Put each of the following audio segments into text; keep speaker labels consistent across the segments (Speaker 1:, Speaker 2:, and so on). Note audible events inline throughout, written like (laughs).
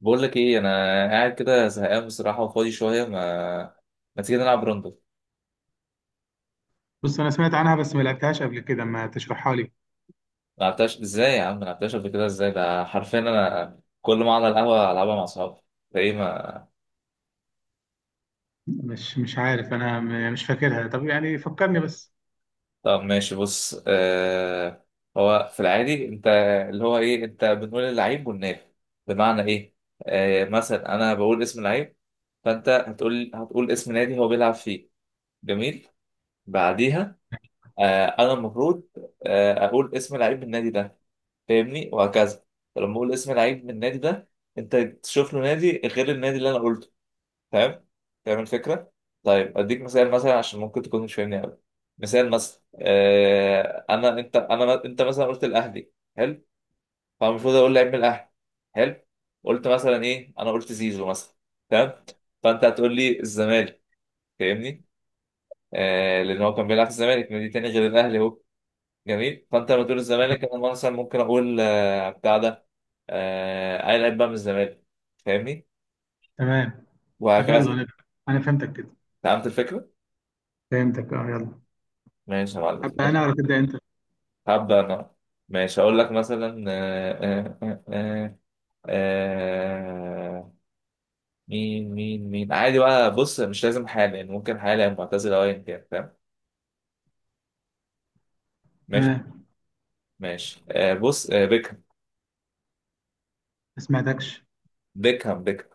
Speaker 1: بقول لك ايه؟ انا قاعد كده زهقان بصراحه، وفاضي شويه. ما تيجي نلعب روندو؟
Speaker 2: بص انا سمعت عنها بس ما لعبتهاش قبل كده، ما تشرحها لي.
Speaker 1: ما لعبتهاش ازاي يا عم؟ ما لعبتهاش قبل كده ازاي؟ ده حرفيا انا كل ما اقعد على القهوه العبها مع اصحابي. ده ايه ما؟
Speaker 2: مش عارف انا مش فاكرها. طب يعني فكرني بس.
Speaker 1: طب ماشي، بص. هو في العادي انت اللي هو ايه؟ انت بنقول اللعيب والنادي، بمعنى ايه؟ مثلا انا بقول اسم لعيب، فانت هتقول اسم نادي هو بيلعب فيه. جميل، بعديها انا المفروض اقول اسم لعيب النادي ده، فاهمني؟ وهكذا. فلما بقول اسم لعيب من النادي ده، انت تشوف له نادي غير النادي اللي انا قلته. تمام، فاهم الفكره؟ طيب اديك مثال، مثلا عشان ممكن تكون مش فاهمني قوي. مثال مثلا، آه انا انت انا انت مثلا قلت الاهلي. حلو، فالمفروض اقول لعيب من الاهلي. حلو، قلت مثلا ايه؟ انا قلت زيزو مثلا. تمام، فانت هتقول لي الزمالك، فاهمني؟ آه، لان هو كان بيلعب في الزمالك، نادي تاني غير الاهلي هو. جميل، فانت لو تقول الزمالك انا مثلا ممكن اقول بتاع ده، اي لعيب بقى من الزمالك، فاهمني؟
Speaker 2: تمام. طب يلا
Speaker 1: وهكذا.
Speaker 2: انا فهمتك كده.
Speaker 1: فهمت الفكره؟
Speaker 2: فهمتك، اه يلا.
Speaker 1: ماشي يا معلم،
Speaker 2: ابدا انا ولا تبدا انت؟
Speaker 1: هبدا انا. ماشي هقول لك مثلا آه، مين عادي بقى، بص مش لازم حالا يعني، ممكن حالا أو معتزل او ايا كان، فاهم؟ ماشي
Speaker 2: تمام.
Speaker 1: ماشي. بص، بيكهام.
Speaker 2: ما سمعتكش.
Speaker 1: بيكهام، بيكهام.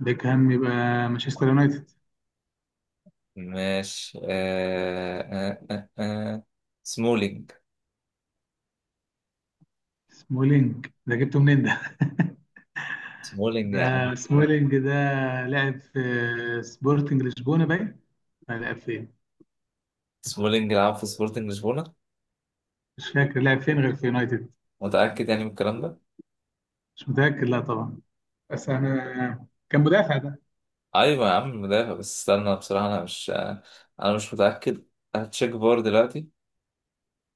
Speaker 2: بيكهام يبقى مانشستر يونايتد.
Speaker 1: ماشي سمولينج.
Speaker 2: سمولينج، ده جبته منين ده؟ (laughs)
Speaker 1: سمولينج يا عم.
Speaker 2: ده سمولينج ده لعب في سبورتنج لشبونه باين. لا، لعب فين؟
Speaker 1: سمولينج لعب في سبورتنج لشبونة.
Speaker 2: مش فاكر لعب فين غير في يونايتد.
Speaker 1: متأكد يعني من الكلام ده؟
Speaker 2: مش متاكد، لا طبعا. بس انا كان مدافع ده.
Speaker 1: أيوة يا عم، المدافع. بس استنى بصراحة، أنا مش متأكد. هتشيك فار دلوقتي،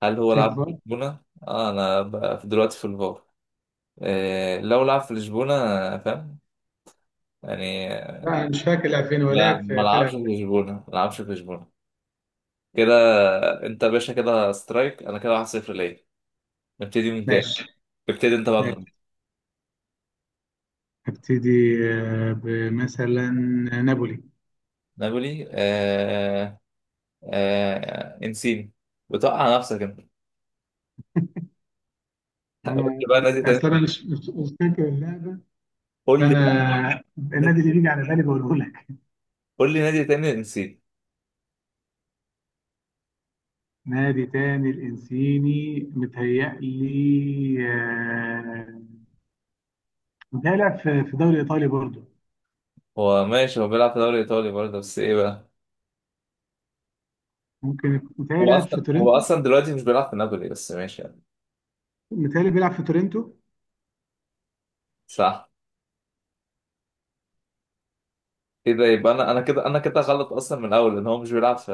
Speaker 1: هل هو
Speaker 2: شيك.
Speaker 1: لعب في لشبونة؟ أنا بقى دلوقتي في الفار، إيه لو لعب في لشبونة؟ فاهم يعني.
Speaker 2: لا أنا مش فاكر الألفين، ولكن
Speaker 1: لا، ما
Speaker 2: في فرقة
Speaker 1: لعبش في
Speaker 2: ألفين.
Speaker 1: لشبونة، ما لعبش في لشبونة كده. أنت يا باشا كده سترايك، أنا كده 1-0 ليا. نبتدي من تاني،
Speaker 2: ماشي.
Speaker 1: ابتدي أنت بقى من.
Speaker 2: ماشي هبتدي. بمثلا نابولي.
Speaker 1: نابولي، إنسيني. بتوقع نفسك أنت. قول
Speaker 2: أنا
Speaker 1: لي بقى نادي
Speaker 2: أصل
Speaker 1: تاني،
Speaker 2: أنا مش فاكر اللعبة،
Speaker 1: قول لي بقى
Speaker 2: فأنا النادي
Speaker 1: نادي،
Speaker 2: اللي بيجي على بالي بقوله لك.
Speaker 1: قول لي نادي تاني، نسيت.
Speaker 2: نادي تاني، الإنسيني متهيألي متهيألي لعب في في الدوري الإيطالي برضه.
Speaker 1: هو ماشي، هو بيلعب في الدوري الايطالي برضه، بس ايه بقى؟
Speaker 2: ممكن متهيألي
Speaker 1: هو
Speaker 2: لعب في
Speaker 1: اصلا هو
Speaker 2: تورنتو.
Speaker 1: اصلا دلوقتي مش بيلعب في نابولي، بس ماشي يعني.
Speaker 2: متهيألي بيلعب في تورنتو.
Speaker 1: صح. ايه ده؟ يبقى انا، انا كده غلط اصلا من الاول، ان هو مش بيلعب في،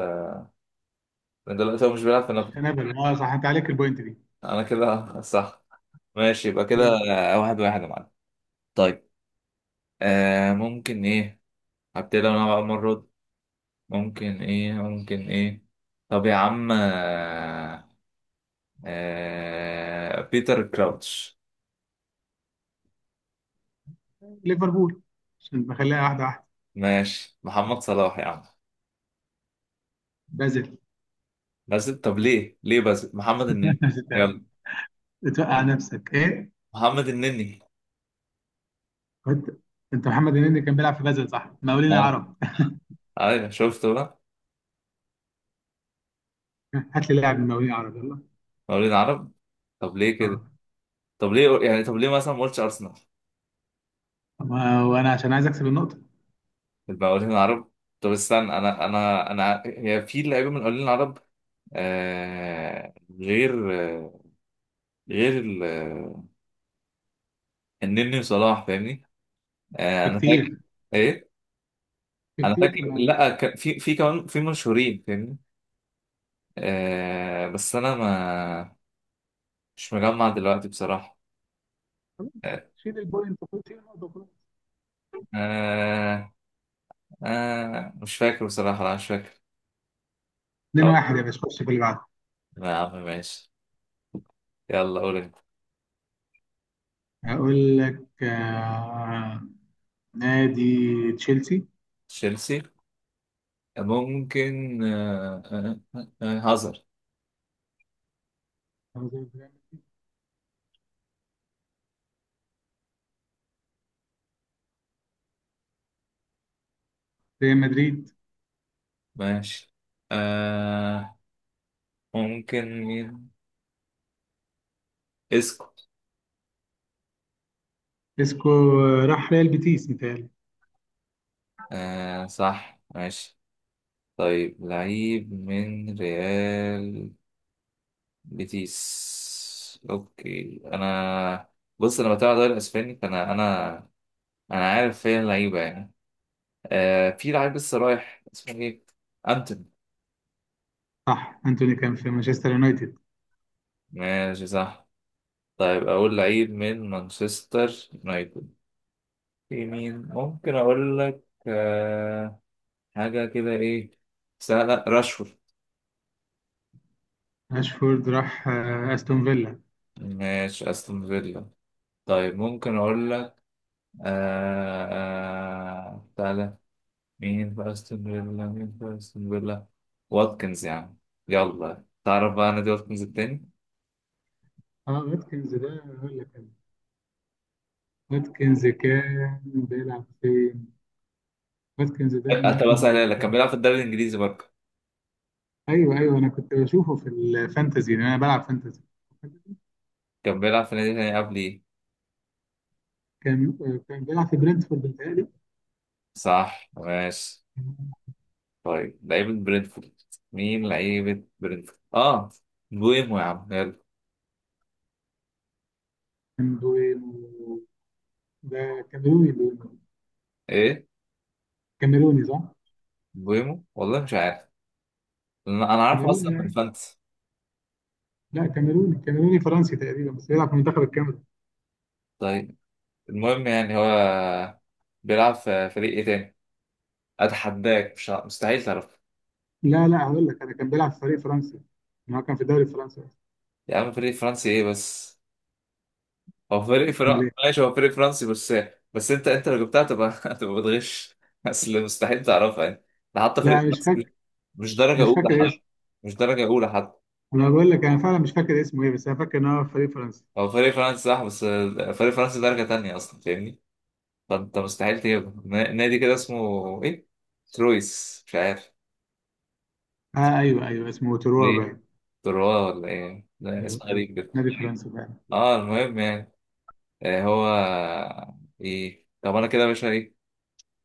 Speaker 1: من دلوقتي هو مش بيلعب في
Speaker 2: مش
Speaker 1: نابولي.
Speaker 2: في نابولي، أه صح، أنت عليك البوينت دي.
Speaker 1: انا كده (laughs) صح. ماشي يبقى كده.
Speaker 2: كده
Speaker 1: 1-1 يا معلم. طيب ممكن ايه؟ هبتدي انا بقى المره دي. ممكن ايه. طب يا عم بيتر كراوتش.
Speaker 2: ليفربول، عشان بخليها واحدة واحدة.
Speaker 1: ماشي، محمد صلاح يا عم.
Speaker 2: بازل.
Speaker 1: بس طب ليه بس؟ محمد النني.
Speaker 2: (laughs)
Speaker 1: يلا.
Speaker 2: بتوقع نفسك ايه؟
Speaker 1: محمد النني.
Speaker 2: كنت انت. محمد النني كان بيلعب في بازل، صح؟ مقاولين
Speaker 1: ها،
Speaker 2: العرب.
Speaker 1: ايوه، شفته بقى.
Speaker 2: (laughs) هات لي لاعب من مقاولين العرب يلا.
Speaker 1: مقاولين عرب. طب ليه
Speaker 2: اه،
Speaker 1: كده؟ طب ليه يعني؟ طب ليه مثلا ما قلتش ارسنال
Speaker 2: وانا عشان عايز اكسب النقطه.
Speaker 1: في المقاولين العرب؟ طب استنى، انا هي في لعيبه من المقاولين العرب آه غير، آه غير ال- آه، النني وصلاح، فاهمني؟
Speaker 2: في
Speaker 1: انا فاكر.
Speaker 2: كتير،
Speaker 1: ايه؟
Speaker 2: في
Speaker 1: انا
Speaker 2: كتير في
Speaker 1: فاكر،
Speaker 2: المقاولين.
Speaker 1: لا، في كمان في مشهورين، فاهمني؟ بس انا ما مش مجمع دلوقتي بصراحة.
Speaker 2: خلاص،
Speaker 1: آه
Speaker 2: شيل البوينت، خد شيل النقطه وخلاص.
Speaker 1: آه مش فاكر بصراحة، لا مش فاكر. خلاص
Speaker 2: 2-1 يا باشا، خش في اللي بعده.
Speaker 1: يا عم، ماشي. يلا قول انت.
Speaker 2: هقول لك نادي تشيلسي.
Speaker 1: تشيلسي، ممكن هازارد.
Speaker 2: ريال مدريد.
Speaker 1: ماشي. آه ممكن مين؟ اسكو.
Speaker 2: اسكو راح ريال بيتيس متهيألي.
Speaker 1: صح، ماشي. طيب لعيب من ريال بيتيس، اوكي انا. بص انا بتابع الدوري الاسباني، فانا انا انا عارف فين اللعيبه يعني. في لعيب لسه رايح اسمه ايه؟ انتوني.
Speaker 2: صح، انتوني كان في مانشستر يونايتد.
Speaker 1: ماشي صح. طيب اقول لعيب من مانشستر يونايتد. في مين ممكن اقول لك؟ حاجة كده ايه؟ سهلة، راشفورد.
Speaker 2: اشفورد راح استون فيلا.
Speaker 1: ماشي، استون فيلا. طيب ممكن اقول لك، تعالى. مين في استون فيلا؟ مين في استون فيلا؟ واتكنز يعني. يلا تعرف بقى نادي واتكنز التاني؟
Speaker 2: اه واتكنز ده هقول لك. واتكنز كان بيلعب فين؟ واتكنز ده
Speaker 1: طب
Speaker 2: مهاجم
Speaker 1: اسهلها لك،
Speaker 2: انجلترا.
Speaker 1: كان بيلعب في الدوري الانجليزي برضه.
Speaker 2: ايوه ايوه، انا كنت بشوفه في الفانتزي لان انا بلعب فانتزي.
Speaker 1: كان بيلعب في نادي تاني قبل ايه؟
Speaker 2: كان كان بيلعب في برنتفورد بيتهيألي.
Speaker 1: صح ماشي. طيب لعيبة برينفورد، مين لعيبة برينفورد؟ اه، بويمو يا عم، يلا.
Speaker 2: كان بوينو، ده كاميروني بوينو.
Speaker 1: ايه؟
Speaker 2: كاميروني صح؟
Speaker 1: بويمو، والله مش عارف. أنا عارفه
Speaker 2: كاميروني
Speaker 1: اصلا من
Speaker 2: يعني.
Speaker 1: فانتسي.
Speaker 2: لا كاميروني، فرنسي تقريبا بس بيلعب في منتخب الكاميرون.
Speaker 1: طيب المهم يعني، هو بيلعب في فريق ايه تاني؟ اتحداك، مش مستحيل تعرف.
Speaker 2: لا هقول لك، انا كان بيلعب في فريق فرنسي، ما هو كان في الدوري الفرنسي أصلاً.
Speaker 1: يا عم فريق فرنسي ايه بس؟ هو فريق
Speaker 2: امال
Speaker 1: فرنسي
Speaker 2: ايه؟
Speaker 1: ماشي، هو فريق فرنسي بس. بس انت لو جبتها تبقى (laughs) تبقى بتغش. اصل مستحيل تعرفها يعني، ده حتى
Speaker 2: لا
Speaker 1: فريق
Speaker 2: أنا مش
Speaker 1: فرنسي مش
Speaker 2: فاكر،
Speaker 1: مش درجة
Speaker 2: مش
Speaker 1: أولى
Speaker 2: فاكر
Speaker 1: حتى،
Speaker 2: اسمه.
Speaker 1: مش درجة أولى حتى.
Speaker 2: انا بقول لك انا فعلا مش فاكر اسمه ايه، بس انا فاكر ان هو في فريق فرنسي.
Speaker 1: هو فريق فرنسي صح، بس فريق فرنسي درجة تانية أصلا، فاهمني؟ فأنت مستحيل تجيبه، نادي كده اسمه إيه؟ ترويس، مش عارف
Speaker 2: آه ايوه ايوه اسمه تروا
Speaker 1: ليه؟
Speaker 2: باين.
Speaker 1: تروا ولا إيه؟ ده
Speaker 2: ايوه
Speaker 1: اسم
Speaker 2: ايوه
Speaker 1: غريب كده.
Speaker 2: نادي فرنسي باين.
Speaker 1: أه، المهم يعني هو إيه؟ طب أنا كده يا باشا إيه؟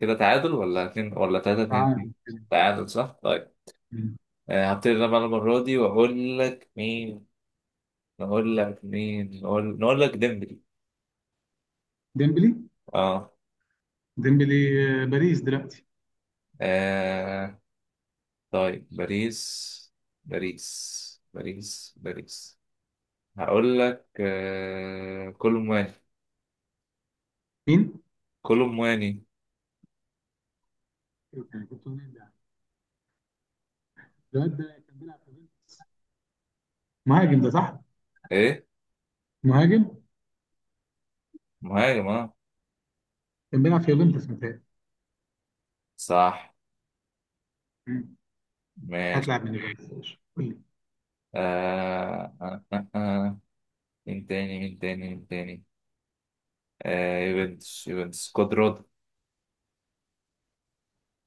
Speaker 1: كده تعادل ولا اتنين ولا تلاتة؟ اتنين
Speaker 2: تعال
Speaker 1: اتنين؟
Speaker 2: كده.
Speaker 1: تعادل صح؟ طيب
Speaker 2: مم.
Speaker 1: هبتدي أنا بقى المرة دي وأقول لك مين؟ نقول لك مين؟ نقول لك ديمبلي.
Speaker 2: ديمبلي.
Speaker 1: أه،
Speaker 2: ديمبلي باريس دلوقتي.
Speaker 1: آه، طيب باريس. باريس، باريس، باريس. هقول لك كولومواني.
Speaker 2: مين؟
Speaker 1: كولومواني؟
Speaker 2: إيه كان جبته منين ده؟ الواد ده كان بيلعب في يوفنتوس. مهاجم ده صح؟
Speaker 1: ايه،
Speaker 2: مهاجم
Speaker 1: مهاجم اه.
Speaker 2: كان بيلعب في يوفنتوس متهيألي.
Speaker 1: صح
Speaker 2: مم.
Speaker 1: ماشي.
Speaker 2: هتلعب من يوفنتوس قول لي.
Speaker 1: آه... آه... آه... آه. مين تاني؟ مين تاني؟ مين تاني؟ يوفنتوس. يوفنتوس، كودرود.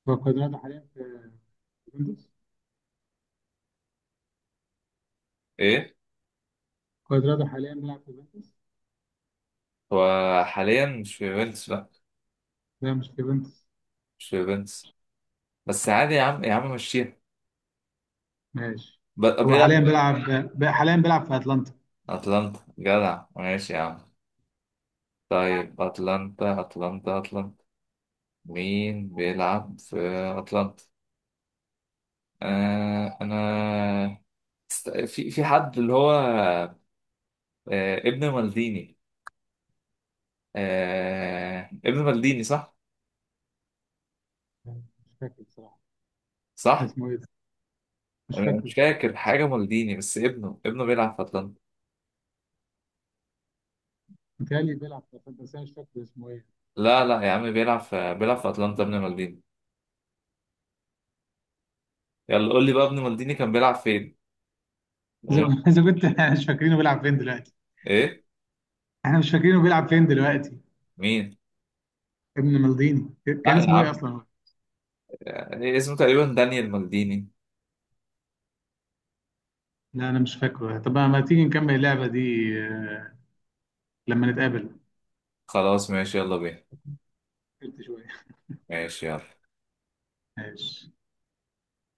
Speaker 2: هو كوادرادو حاليا في يوفنتوس.
Speaker 1: ايه؟
Speaker 2: كوادرادو حاليا بيلعب في يوفنتوس.
Speaker 1: هو حاليا مش في يوفنتوس، لا،
Speaker 2: لا مش في يوفنتوس.
Speaker 1: مش في يوفنتوس. بس عادي يا عم، يا عم مشيها.
Speaker 2: ماشي. هو
Speaker 1: بيلعب.
Speaker 2: حاليا بيلعب، حاليا بيلعب في اتلانتا.
Speaker 1: اتلانتا جدع، ماشي يا عم. طيب اتلانتا اتلانتا اتلانتا، مين بيلعب في أتلانتا؟ أنا في حد اللي هو، ابن مالديني. ابن مالديني صح؟
Speaker 2: مش فاكر بصراحة،
Speaker 1: صح؟
Speaker 2: اسمه ايه ده؟ مش
Speaker 1: أنا مش
Speaker 2: فاكره.
Speaker 1: فاكر حاجة مالديني، بس ابنه بيلعب في أتلانتا.
Speaker 2: متهيألي بيلعب في اتلانتا بس انا مش فاكر اسمه ايه.
Speaker 1: لا لا يا عم، بيلعب في أتلانتا ابن مالديني. يلا قول لي بقى ابن مالديني كان بيلعب فين؟
Speaker 2: زي
Speaker 1: غير.
Speaker 2: ما زي ما كنت (laughs) مش فاكرينه بيلعب فين دلوقتي.
Speaker 1: إيه؟
Speaker 2: احنا مش فاكرينه بيلعب فين دلوقتي.
Speaker 1: مين؟
Speaker 2: ابن مالديني
Speaker 1: لا
Speaker 2: كان
Speaker 1: يا
Speaker 2: اسمه ايه
Speaker 1: عم،
Speaker 2: اصلا.
Speaker 1: اسمه تقريبا دانيال مالديني.
Speaker 2: لا انا مش فاكره. طب ما تيجي نكمل اللعبه دي آه، لما نتقابل؟
Speaker 1: خلاص ماشي، يلا بينا.
Speaker 2: قلت شويه.
Speaker 1: ماشي يلا.
Speaker 2: (laughs) ماشي.